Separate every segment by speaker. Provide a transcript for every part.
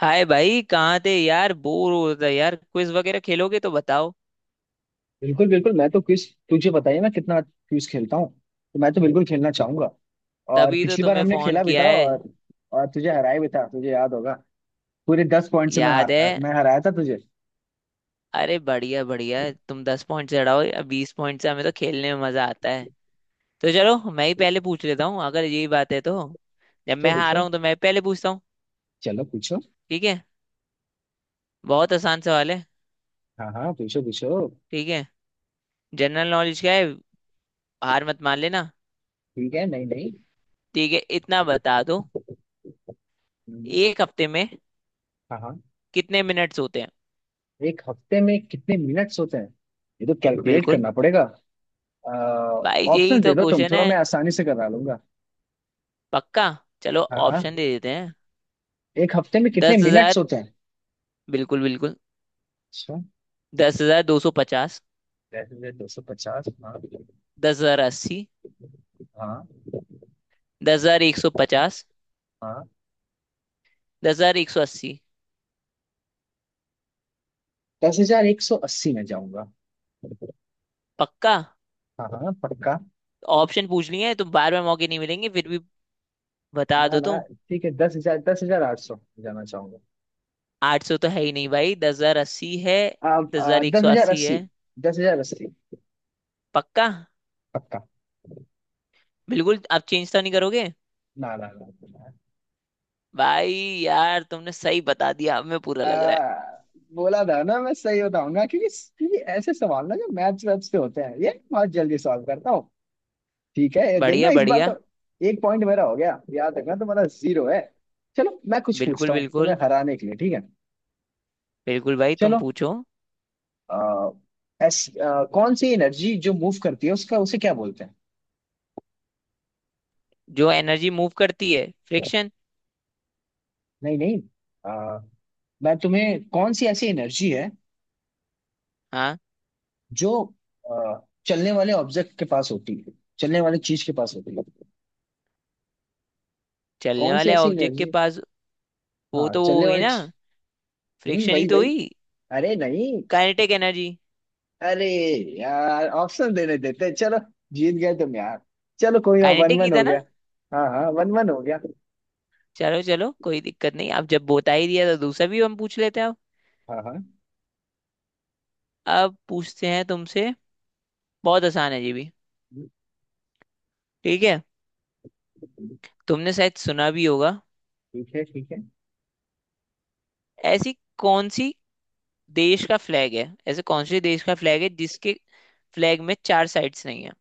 Speaker 1: हाय भाई, कहाँ थे यार? बोर हो रहा था यार। क्विज वगैरह खेलोगे तो बताओ।
Speaker 2: बिल्कुल बिल्कुल, मैं तो क्विज, तुझे पता ही है मैं कितना क्विज खेलता हूँ। तो मैं तो बिल्कुल खेलना चाहूंगा। और
Speaker 1: तभी तो
Speaker 2: पिछली बार
Speaker 1: तुम्हें
Speaker 2: हमने
Speaker 1: फोन
Speaker 2: खेला भी
Speaker 1: किया
Speaker 2: था,
Speaker 1: है।
Speaker 2: और तुझे हराया भी था, तुझे याद होगा। पूरे 10 पॉइंट से
Speaker 1: याद है।
Speaker 2: मैं हराया था तुझे।
Speaker 1: अरे बढ़िया बढ़िया। तुम दस पॉइंट से हड़ाओ या बीस पॉइंट से, हमें तो खेलने में मजा आता है। तो चलो, मैं ही पहले पूछ लेता हूँ अगर यही बात है तो। जब
Speaker 2: पूछो
Speaker 1: मैं हारा
Speaker 2: पूछो।
Speaker 1: हूँ तो मैं पहले पूछता हूँ।
Speaker 2: चलो पूछो।
Speaker 1: ठीक है। बहुत आसान सवाल है।
Speaker 2: हाँ हाँ, पूछो पूछो।
Speaker 1: ठीक है। जनरल नॉलेज का है। हार मत मान लेना।
Speaker 2: ठीक है, नहीं नहीं।
Speaker 1: ठीक है, इतना बता दो।
Speaker 2: हम्म।
Speaker 1: एक हफ्ते में
Speaker 2: हाँ हाँ,
Speaker 1: कितने मिनट्स होते हैं?
Speaker 2: एक हफ्ते में कितने मिनट्स होते हैं? ये तो कैलकुलेट
Speaker 1: बिल्कुल।
Speaker 2: करना पड़ेगा।
Speaker 1: भाई यही
Speaker 2: ऑप्शन दे
Speaker 1: तो
Speaker 2: दो तुम
Speaker 1: क्वेश्चन
Speaker 2: थोड़ा,
Speaker 1: है।
Speaker 2: मैं आसानी से करा लूंगा।
Speaker 1: पक्का। चलो।
Speaker 2: हाँ हाँ।
Speaker 1: ऑप्शन दे देते हैं।
Speaker 2: एक हफ्ते में कितने
Speaker 1: 10,000।
Speaker 2: मिनट्स होते हैं?
Speaker 1: बिल्कुल बिल्कुल।
Speaker 2: अच्छा।
Speaker 1: 10,250।
Speaker 2: वैसे तो 250, हाँ।
Speaker 1: 10,080।
Speaker 2: हाँ।
Speaker 1: 10,150।
Speaker 2: हाँ।
Speaker 1: 10,180।
Speaker 2: 10,180 में जाऊंगा।
Speaker 1: पक्का।
Speaker 2: हाँ हाँ, पक्का।
Speaker 1: ऑप्शन पूछ लिए हैं तो बार बार मौके नहीं मिलेंगे, फिर भी बता
Speaker 2: ना
Speaker 1: दो
Speaker 2: ना।
Speaker 1: तुम।
Speaker 2: ठीक है, दस हजार आठ सौ जाना चाहूंगा।
Speaker 1: 800 तो है ही नहीं भाई, 10,080 है। दस हजार एक
Speaker 2: दस
Speaker 1: सौ
Speaker 2: हजार
Speaker 1: अस्सी है।
Speaker 2: अस्सी 10,080।
Speaker 1: पक्का।
Speaker 2: पक्का।
Speaker 1: बिल्कुल आप चेंज तो नहीं करोगे?
Speaker 2: ना ना ना ना।
Speaker 1: भाई। यार तुमने सही बता दिया, अब मैं पूरा
Speaker 2: आ,
Speaker 1: लग रहा है।
Speaker 2: बोला था ना मैं सही बताऊंगा, क्योंकि क्योंकि ऐसे सवाल ना जो मैथ्स वैथ्स पे होते हैं ये बहुत जल्दी सॉल्व करता हूँ। ठीक है, ये देखना
Speaker 1: बढ़िया
Speaker 2: इस बार
Speaker 1: बढ़िया।
Speaker 2: तो। 1 पॉइंट मेरा हो गया, याद रखना तुम्हारा 0 है। चलो मैं कुछ
Speaker 1: बिल्कुल
Speaker 2: पूछता हूँ तुम्हें
Speaker 1: बिल्कुल।
Speaker 2: हराने के लिए, ठीक है?
Speaker 1: बिल्कुल भाई, तुम
Speaker 2: चलो।
Speaker 1: पूछो।
Speaker 2: आ, ऐस, कौन सी एनर्जी जो मूव करती है उसका उसे क्या बोलते?
Speaker 1: जो एनर्जी मूव करती है, फ्रिक्शन।
Speaker 2: नहीं नहीं। आ, मैं तुम्हें, कौन सी ऐसी एनर्जी है
Speaker 1: हाँ।
Speaker 2: जो आ, चलने वाले ऑब्जेक्ट के पास होती है? चलने वाली चीज के पास होती है?
Speaker 1: चलने
Speaker 2: कौन सी
Speaker 1: वाले
Speaker 2: ऐसी
Speaker 1: ऑब्जेक्ट के
Speaker 2: एनर्जी?
Speaker 1: पास। वो
Speaker 2: हाँ,
Speaker 1: तो वो हो गई ना। फ्रिक्शन ही
Speaker 2: वही
Speaker 1: तो
Speaker 2: वही।
Speaker 1: हुई।
Speaker 2: अरे नहीं।
Speaker 1: Kinetic energy.
Speaker 2: अरे यार, ऑप्शन देने देते। चलो, जीत गए तुम यार। चलो, कोई ना, वन
Speaker 1: काइनेटिक ही
Speaker 2: वन हो
Speaker 1: था
Speaker 2: गया।
Speaker 1: ना।
Speaker 2: हाँ हाँ, 1-1 हो गया।
Speaker 1: चलो चलो, कोई दिक्कत नहीं। अब जब बता ही दिया तो दूसरा भी हम पूछ लेते हैं अब।
Speaker 2: हाँ हाँ।
Speaker 1: अब पूछते हैं तुमसे। बहुत आसान है जी भी। ठीक है। तुमने शायद सुना भी होगा।
Speaker 2: ठीक है, ठीक है।
Speaker 1: ऐसी कौन सी देश का फ्लैग है ऐसे कौन से देश का फ्लैग है जिसके फ्लैग में चार साइड्स नहीं है?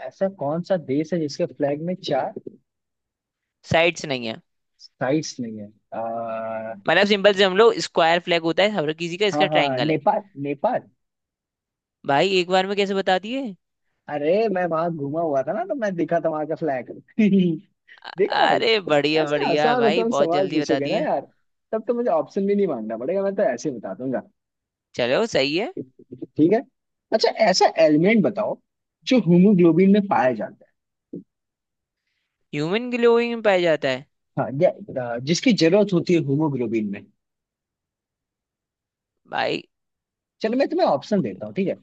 Speaker 2: ऐसा कौन सा देश है जिसके फ्लैग में चार
Speaker 1: साइड्स नहीं है।
Speaker 2: साइड्स नहीं है? आ,
Speaker 1: मतलब सिंपल से, हम लोग स्क्वायर फ्लैग होता है हर किसी का,
Speaker 2: हाँ
Speaker 1: इसका
Speaker 2: हाँ,
Speaker 1: ट्रायंगल है।
Speaker 2: नेपाल नेपाल।
Speaker 1: भाई एक बार में कैसे बता दिए?
Speaker 2: अरे, मैं वहां घूमा हुआ था ना, तो मैं देखा था वहां का फ्लैग। देखा भाई,
Speaker 1: अरे बढ़िया
Speaker 2: ऐसे
Speaker 1: बढ़िया
Speaker 2: आसान
Speaker 1: भाई,
Speaker 2: आसान
Speaker 1: बहुत
Speaker 2: सवाल
Speaker 1: जल्दी बता
Speaker 2: पूछोगे ना
Speaker 1: दिए।
Speaker 2: यार, तब तो मुझे ऑप्शन भी नहीं मांगना पड़ेगा, मैं तो ऐसे ही बता दूंगा।
Speaker 1: चलो सही है।
Speaker 2: ठीक है। अच्छा, ऐसा एलिमेंट बताओ जो हीमोग्लोबिन में पाया जाता है।
Speaker 1: ह्यूमन ग्लोइंग में पाया जाता है।
Speaker 2: हाँ, जिसकी जरूरत होती है हीमोग्लोबिन में।
Speaker 1: भाई।
Speaker 2: चलो मैं तुम्हें ऑप्शन देता हूँ, ठीक है?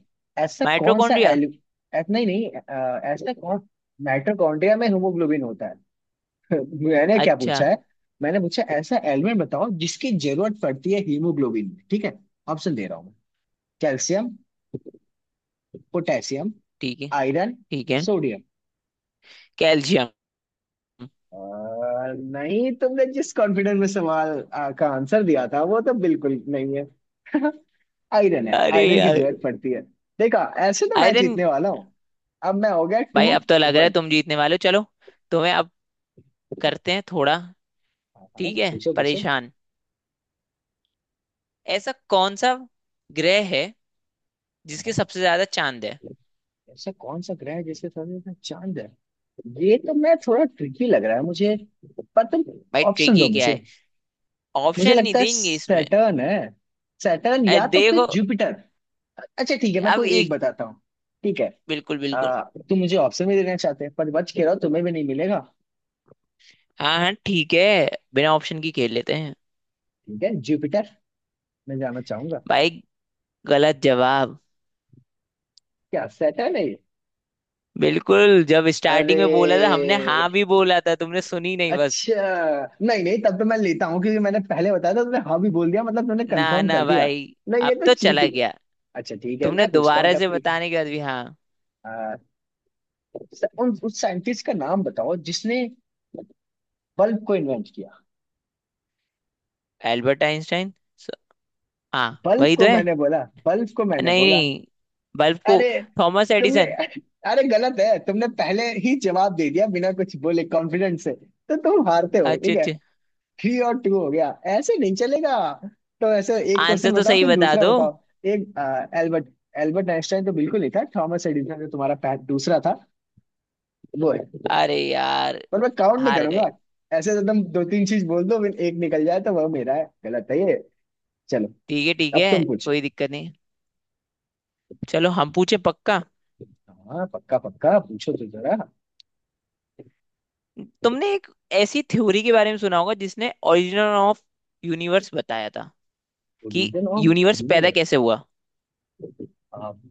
Speaker 2: ऐसा कौन सा
Speaker 1: माइटोकॉन्ड्रिया।
Speaker 2: एलि ऐ- नहीं नहीं, अ, ऐसा कौन माइटोकॉन्ड्रिया में हीमोग्लोबिन होता है? मैंने क्या
Speaker 1: अच्छा।
Speaker 2: पूछा है? मैंने पूछा, ऐसा एलिमेंट बताओ जिसकी जरूरत पड़ती है हीमोग्लोबिन में, ठीक है? ऑप्शन दे रहा हूँ मैं। कैल्शियम। पोटेशियम।
Speaker 1: ठीक है।
Speaker 2: आयरन।
Speaker 1: ठीक है।
Speaker 2: सोडियम।
Speaker 1: कैल्शियम।
Speaker 2: अ, नहीं, तुमने जिस कॉन्फिडेंस में सवाल का आंसर दिया था वो तो बिल्कुल नहीं है। आयरन है,
Speaker 1: अरे
Speaker 2: आयरन की
Speaker 1: यार।
Speaker 2: जरूरत पड़ती है। देखा, ऐसे तो मैं
Speaker 1: आयरन।
Speaker 2: जीतने वाला हूँ। अब मैं हो गया
Speaker 1: भाई
Speaker 2: टू
Speaker 1: अब तो लग रहा है
Speaker 2: वन
Speaker 1: तुम जीतने वाले हो, चलो। तुम्हें अब करते हैं थोड़ा।
Speaker 2: हाँ हाँ,
Speaker 1: ठीक है।
Speaker 2: पूछो पूछो।
Speaker 1: परेशान। ऐसा कौन सा ग्रह है
Speaker 2: हाँ
Speaker 1: जिसके
Speaker 2: हाँ।
Speaker 1: सबसे ज्यादा चांद है?
Speaker 2: ऐसा कौन सा ग्रह है जिसके साथ साथ चांद है? ये तो मैं थोड़ा ट्रिकी लग रहा है मुझे, पर तुम
Speaker 1: भाई
Speaker 2: ऑप्शन दो
Speaker 1: ट्रिकी क्या
Speaker 2: मुझे।
Speaker 1: है?
Speaker 2: मुझे
Speaker 1: ऑप्शन नहीं
Speaker 2: लगता है
Speaker 1: देंगे इसमें।
Speaker 2: सैटर्न है। सैटर्न, या तो फिर
Speaker 1: देखो।
Speaker 2: जुपिटर। अच्छा ठीक है, मैं
Speaker 1: अब
Speaker 2: कोई एक
Speaker 1: एक।
Speaker 2: बताता हूँ। ठीक है।
Speaker 1: बिल्कुल बिल्कुल।
Speaker 2: आ, तुम मुझे ऑप्शन भी देना चाहते हैं पर बच के रहो, तुम्हें भी नहीं मिलेगा।
Speaker 1: हाँ हाँ ठीक है। बिना ऑप्शन की खेल लेते हैं।
Speaker 2: ठीक है, जुपिटर मैं जाना चाहूंगा।
Speaker 1: भाई। गलत जवाब।
Speaker 2: क्या सैटर्न है ये?
Speaker 1: बिल्कुल, जब
Speaker 2: अरे,
Speaker 1: स्टार्टिंग में बोला था हमने, हाँ भी बोला था, तुमने सुनी नहीं बस।
Speaker 2: अच्छा। नहीं नहीं, तब तो मैं लेता हूँ क्योंकि मैंने पहले बताया था, तुमने हाँ भी बोल दिया, मतलब तुमने
Speaker 1: ना
Speaker 2: कंफर्म कर
Speaker 1: ना
Speaker 2: दिया।
Speaker 1: भाई।
Speaker 2: नहीं,
Speaker 1: अब
Speaker 2: ये तो
Speaker 1: तो चला
Speaker 2: चीटिंग।
Speaker 1: गया।
Speaker 2: अच्छा ठीक है,
Speaker 1: तुमने
Speaker 2: मैं पूछता हूँ
Speaker 1: दोबारा
Speaker 2: तब,
Speaker 1: से
Speaker 2: ठीक है।
Speaker 1: बताने के बाद भी हाँ।
Speaker 2: अ, उस साइंटिस्ट का नाम बताओ जिसने बल्ब को इन्वेंट किया।
Speaker 1: एल्बर्ट आइंस्टाइन स- हाँ
Speaker 2: बल्ब
Speaker 1: वही तो
Speaker 2: को
Speaker 1: है।
Speaker 2: मैंने बोला, बल्ब को मैंने
Speaker 1: नहीं
Speaker 2: बोला।
Speaker 1: नहीं। बल्ब को।
Speaker 2: अरे,
Speaker 1: थॉमस
Speaker 2: तुमने।
Speaker 1: एडिसन।
Speaker 2: अरे गलत है, तुमने पहले ही जवाब दे दिया बिना कुछ बोले कॉन्फिडेंस से, तो तुम हारते हो,
Speaker 1: अच्छे
Speaker 2: ठीक है।
Speaker 1: अच्छे।
Speaker 2: 3-2 हो गया। ऐसे नहीं चलेगा। तो ऐसे एक क्वेश्चन
Speaker 1: आंसर तो
Speaker 2: बताओ
Speaker 1: सही
Speaker 2: फिर
Speaker 1: बता
Speaker 2: दूसरा
Speaker 1: दो।
Speaker 2: बताओ। एक एल्बर्ट, एल्बर्ट आइंस्टाइन तो बिल्कुल नहीं था, थॉमस एडिसन जो तुम्हारा दूसरा था वो,
Speaker 1: अरे यार।
Speaker 2: पर मैं काउंट नहीं
Speaker 1: हार गए।
Speaker 2: करूंगा। ऐसे तो तुम दो तीन चीज बोल दो फिर एक निकल जाए तो वह मेरा है? गलत है ये। चलो,
Speaker 1: ठीक है ठीक
Speaker 2: अब
Speaker 1: है।
Speaker 2: तुम पूछो।
Speaker 1: कोई दिक्कत नहीं। चलो हम पूछे पक्का।
Speaker 2: हाँ पक्का पक्का, पूछो तो जरा।
Speaker 1: तुमने एक ऐसी थ्योरी के बारे में सुना होगा जिसने ओरिजिन ऑफ यूनिवर्स बताया था, कि
Speaker 2: ओरिजिन ऑफ
Speaker 1: यूनिवर्स पैदा
Speaker 2: यूनिवर्स,
Speaker 1: कैसे हुआ।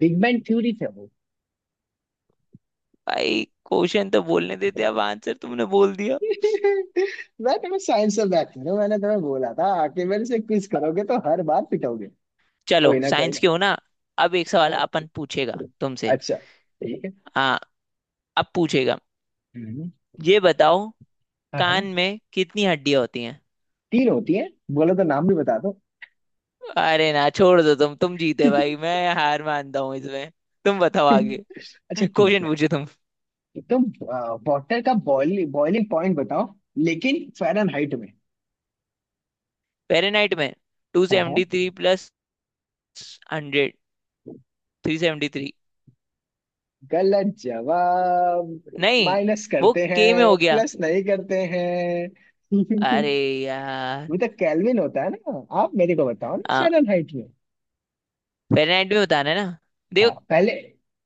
Speaker 2: बिग बैंग थ्योरी थे वो।
Speaker 1: भाई क्वेश्चन तो बोलने देते, अब आंसर तुमने बोल दिया।
Speaker 2: मैं तुम्हें साइंस से बैक करूँ? मैंने तुम्हें बोला था, आके मेरे से क्विज करोगे तो हर बार पिटोगे। कोई
Speaker 1: चलो
Speaker 2: ना कोई
Speaker 1: साइंस
Speaker 2: ना।
Speaker 1: के हो ना। अब एक सवाल
Speaker 2: हाँ।
Speaker 1: अपन पूछेगा तुमसे।
Speaker 2: अच्छा। ठीक है।
Speaker 1: हाँ। अब पूछेगा।
Speaker 2: हम्म,
Speaker 1: ये बताओ।
Speaker 2: हाँ हाँ।
Speaker 1: कान में कितनी हड्डियां होती हैं?
Speaker 2: तीन होती है। बोलो तो नाम भी बता दो।
Speaker 1: अरे ना छोड़ दो, तुम जीते भाई, मैं हार मानता हूँ इसमें। तुम बताओ आगे।
Speaker 2: अच्छा ठीक
Speaker 1: क्वेश्चन
Speaker 2: है।
Speaker 1: पूछो तुम।
Speaker 2: एकदम। वाटर का बॉइलिंग बॉइलिंग पॉइंट बताओ, लेकिन फ़ारेनहाइट में।
Speaker 1: फेरेनहाइट में। टू
Speaker 2: हाँ हाँ।
Speaker 1: Seventy three plus hundred three.
Speaker 2: गलत जवाब।
Speaker 1: नहीं।
Speaker 2: माइनस
Speaker 1: वो
Speaker 2: करते
Speaker 1: के में
Speaker 2: हैं,
Speaker 1: हो गया।
Speaker 2: प्लस नहीं करते
Speaker 1: अरे
Speaker 2: हैं।
Speaker 1: यार।
Speaker 2: वो तो केल्विन होता है ना, आप मेरे को बताओ ना
Speaker 1: आ,
Speaker 2: फ़ारेनहाइट में।
Speaker 1: फेरेनहाइट में बताना है ना?
Speaker 2: हाँ,
Speaker 1: देखो।
Speaker 2: पहले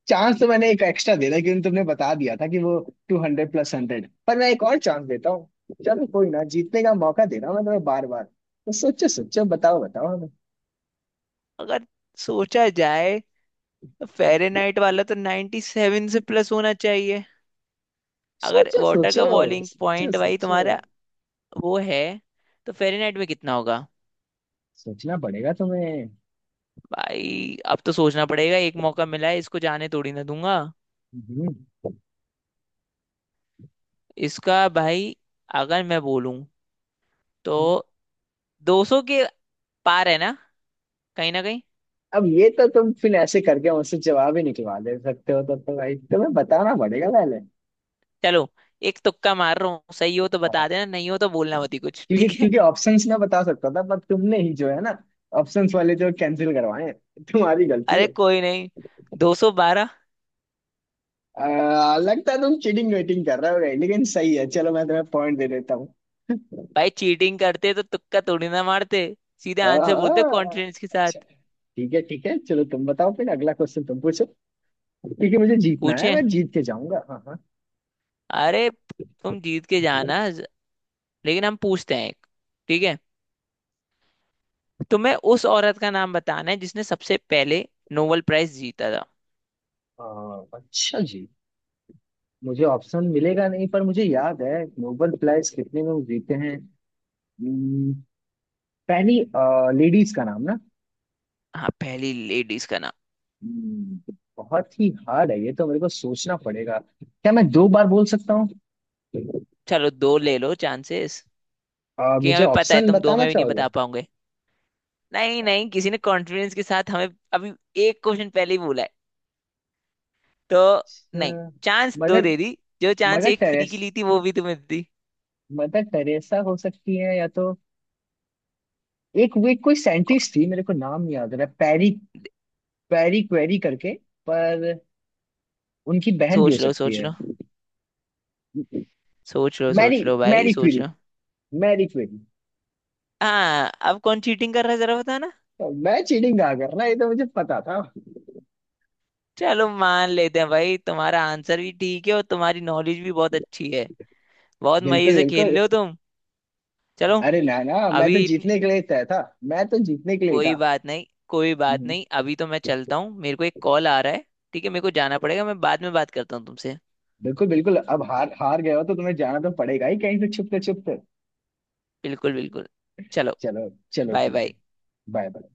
Speaker 2: चांस तो मैंने एक एक्स्ट्रा दे दिया क्योंकि तुमने बता दिया था कि वो टू हंड्रेड प्लस हंड्रेड, पर मैं एक और चांस देता हूँ। चलो कोई ना, जीतने का मौका दे रहा हूँ मैं तुम्हें बार बार, तो सोचो सोचो, बताओ बताओ हमें।
Speaker 1: अगर सोचा जाए तो फेरेनहाइट वाला तो 97 से प्लस होना चाहिए। अगर
Speaker 2: सोचो
Speaker 1: वाटर का
Speaker 2: सोचो।
Speaker 1: बॉइलिंग
Speaker 2: सोचो
Speaker 1: पॉइंट भाई
Speaker 2: सोचो।
Speaker 1: तुम्हारा वो है तो फेरेनहाइट में कितना होगा?
Speaker 2: सोचना पड़ेगा तुम्हें।
Speaker 1: भाई अब तो सोचना पड़ेगा, एक मौका मिला है, इसको जाने थोड़ी ना दूंगा।
Speaker 2: हम्म।
Speaker 1: इसका भाई। अगर मैं बोलूं तो
Speaker 2: हम्म।
Speaker 1: 200 के पार है ना, कहीं ना कहीं।
Speaker 2: अब ये तो तुम फिर ऐसे करके मुझसे जवाब ही निकलवा दे सकते हो, तब तो भाई तुम्हें बताना पड़ेगा पहले।
Speaker 1: चलो एक तुक्का मार रहा हूँ, सही हो तो बता देना, नहीं हो तो बोलना मत ही कुछ
Speaker 2: क्योंकि
Speaker 1: ठीक है।
Speaker 2: क्योंकि ऑप्शंस ना बता सकता था, पर तुमने ही जो है ना, ऑप्शंस वाले जो कैंसिल करवाए, तुम्हारी गलती
Speaker 1: अरे
Speaker 2: है।
Speaker 1: कोई नहीं। 212।
Speaker 2: लगता है तुम चीटिंग वेटिंग कर रहे हो भाई, लेकिन सही है, चलो मैं तुम्हें पॉइंट दे देता हूँ।
Speaker 1: भाई चीटिंग करते तो तुक्का थोड़ी ना मारते। सीधे आंसर बोलते
Speaker 2: आ,
Speaker 1: कॉन्फिडेंस के साथ।
Speaker 2: अच्छा ठीक है, ठीक है, चलो तुम बताओ फिर अगला क्वेश्चन तुम पूछो, क्योंकि मुझे जीतना है,
Speaker 1: पूछे।
Speaker 2: मैं जीत के जाऊंगा। हाँ हाँ।
Speaker 1: अरे। तुम जीत के जाना। लेकिन हम पूछते हैं एक। ठीक है। तुम्हें उस औरत का नाम बताना है जिसने सबसे पहले नोबेल प्राइज जीता था।
Speaker 2: अच्छा जी, मुझे ऑप्शन मिलेगा नहीं पर मुझे याद है, नोबेल प्राइज कितने लोग जीते हैं। हम्म, पहली लेडीज का नाम ना?
Speaker 1: हाँ पहली लेडीज का नाम।
Speaker 2: तो बहुत ही हार्ड है ये तो, मेरे को सोचना पड़ेगा। क्या मैं दो बार बोल सकता हूँ?
Speaker 1: चलो दो ले लो चांसेस। कि
Speaker 2: मुझे
Speaker 1: हमें पता है
Speaker 2: ऑप्शन
Speaker 1: तुम दो
Speaker 2: बताना
Speaker 1: में भी नहीं
Speaker 2: चाहोगे?
Speaker 1: बता पाओगे। नहीं नहीं, किसी ने कॉन्फिडेंस के साथ हमें अभी एक क्वेश्चन पहले ही बोला है तो। नहीं।
Speaker 2: अच्छा,
Speaker 1: चांस दो
Speaker 2: मदर
Speaker 1: दे दी। जो चांस
Speaker 2: मदर
Speaker 1: एक फ्री
Speaker 2: टेरेस
Speaker 1: की ली थी वो भी तुम्हें दी
Speaker 2: मदर टेरेसा हो सकती है, या तो एक वे कोई
Speaker 1: कौन-
Speaker 2: साइंटिस्ट थी, मेरे को नाम नहीं याद रहा, पैरी,
Speaker 1: दे-
Speaker 2: पैरी क्वेरी करके, पर उनकी बहन भी हो
Speaker 1: सोच लो
Speaker 2: सकती
Speaker 1: सोच
Speaker 2: है।
Speaker 1: लो। सोच लो
Speaker 2: मैरी
Speaker 1: सोच लो भाई
Speaker 2: मैरी
Speaker 1: सोच
Speaker 2: क्यूरी।
Speaker 1: लो।
Speaker 2: Marie Curie.
Speaker 1: हाँ अब कौन चीटिंग कर रहा है जरा बताना।
Speaker 2: तो मैं चीटिंग कहाँ कर रहा है, ये तो मुझे पता था।
Speaker 1: चलो मान लेते हैं भाई, तुम्हारा आंसर भी ठीक है और तुम्हारी नॉलेज भी बहुत अच्छी है। बहुत मजे
Speaker 2: बिल्कुल
Speaker 1: से
Speaker 2: बिल्कुल।
Speaker 1: खेल रहे हो तुम। चलो।
Speaker 2: अरे ना ना, मैं तो
Speaker 1: अभी इतनी।
Speaker 2: जीतने के लिए तय था। मैं तो जीतने के लिए
Speaker 1: कोई
Speaker 2: था।
Speaker 1: बात नहीं, कोई बात
Speaker 2: हम्म।
Speaker 1: नहीं, अभी तो मैं चलता हूँ, मेरे को एक कॉल आ रहा है। ठीक है, मेरे को जाना पड़ेगा, मैं बाद में बात करता हूँ तुमसे।
Speaker 2: बिल्कुल बिल्कुल, अब हार हार गए हो तो तुम्हें जाना तो पड़ेगा ही, कहीं से छुपते छुपते।
Speaker 1: बिल्कुल बिल्कुल। चलो।
Speaker 2: चलो चलो
Speaker 1: बाय
Speaker 2: ठीक
Speaker 1: बाय।
Speaker 2: है। Bye bye.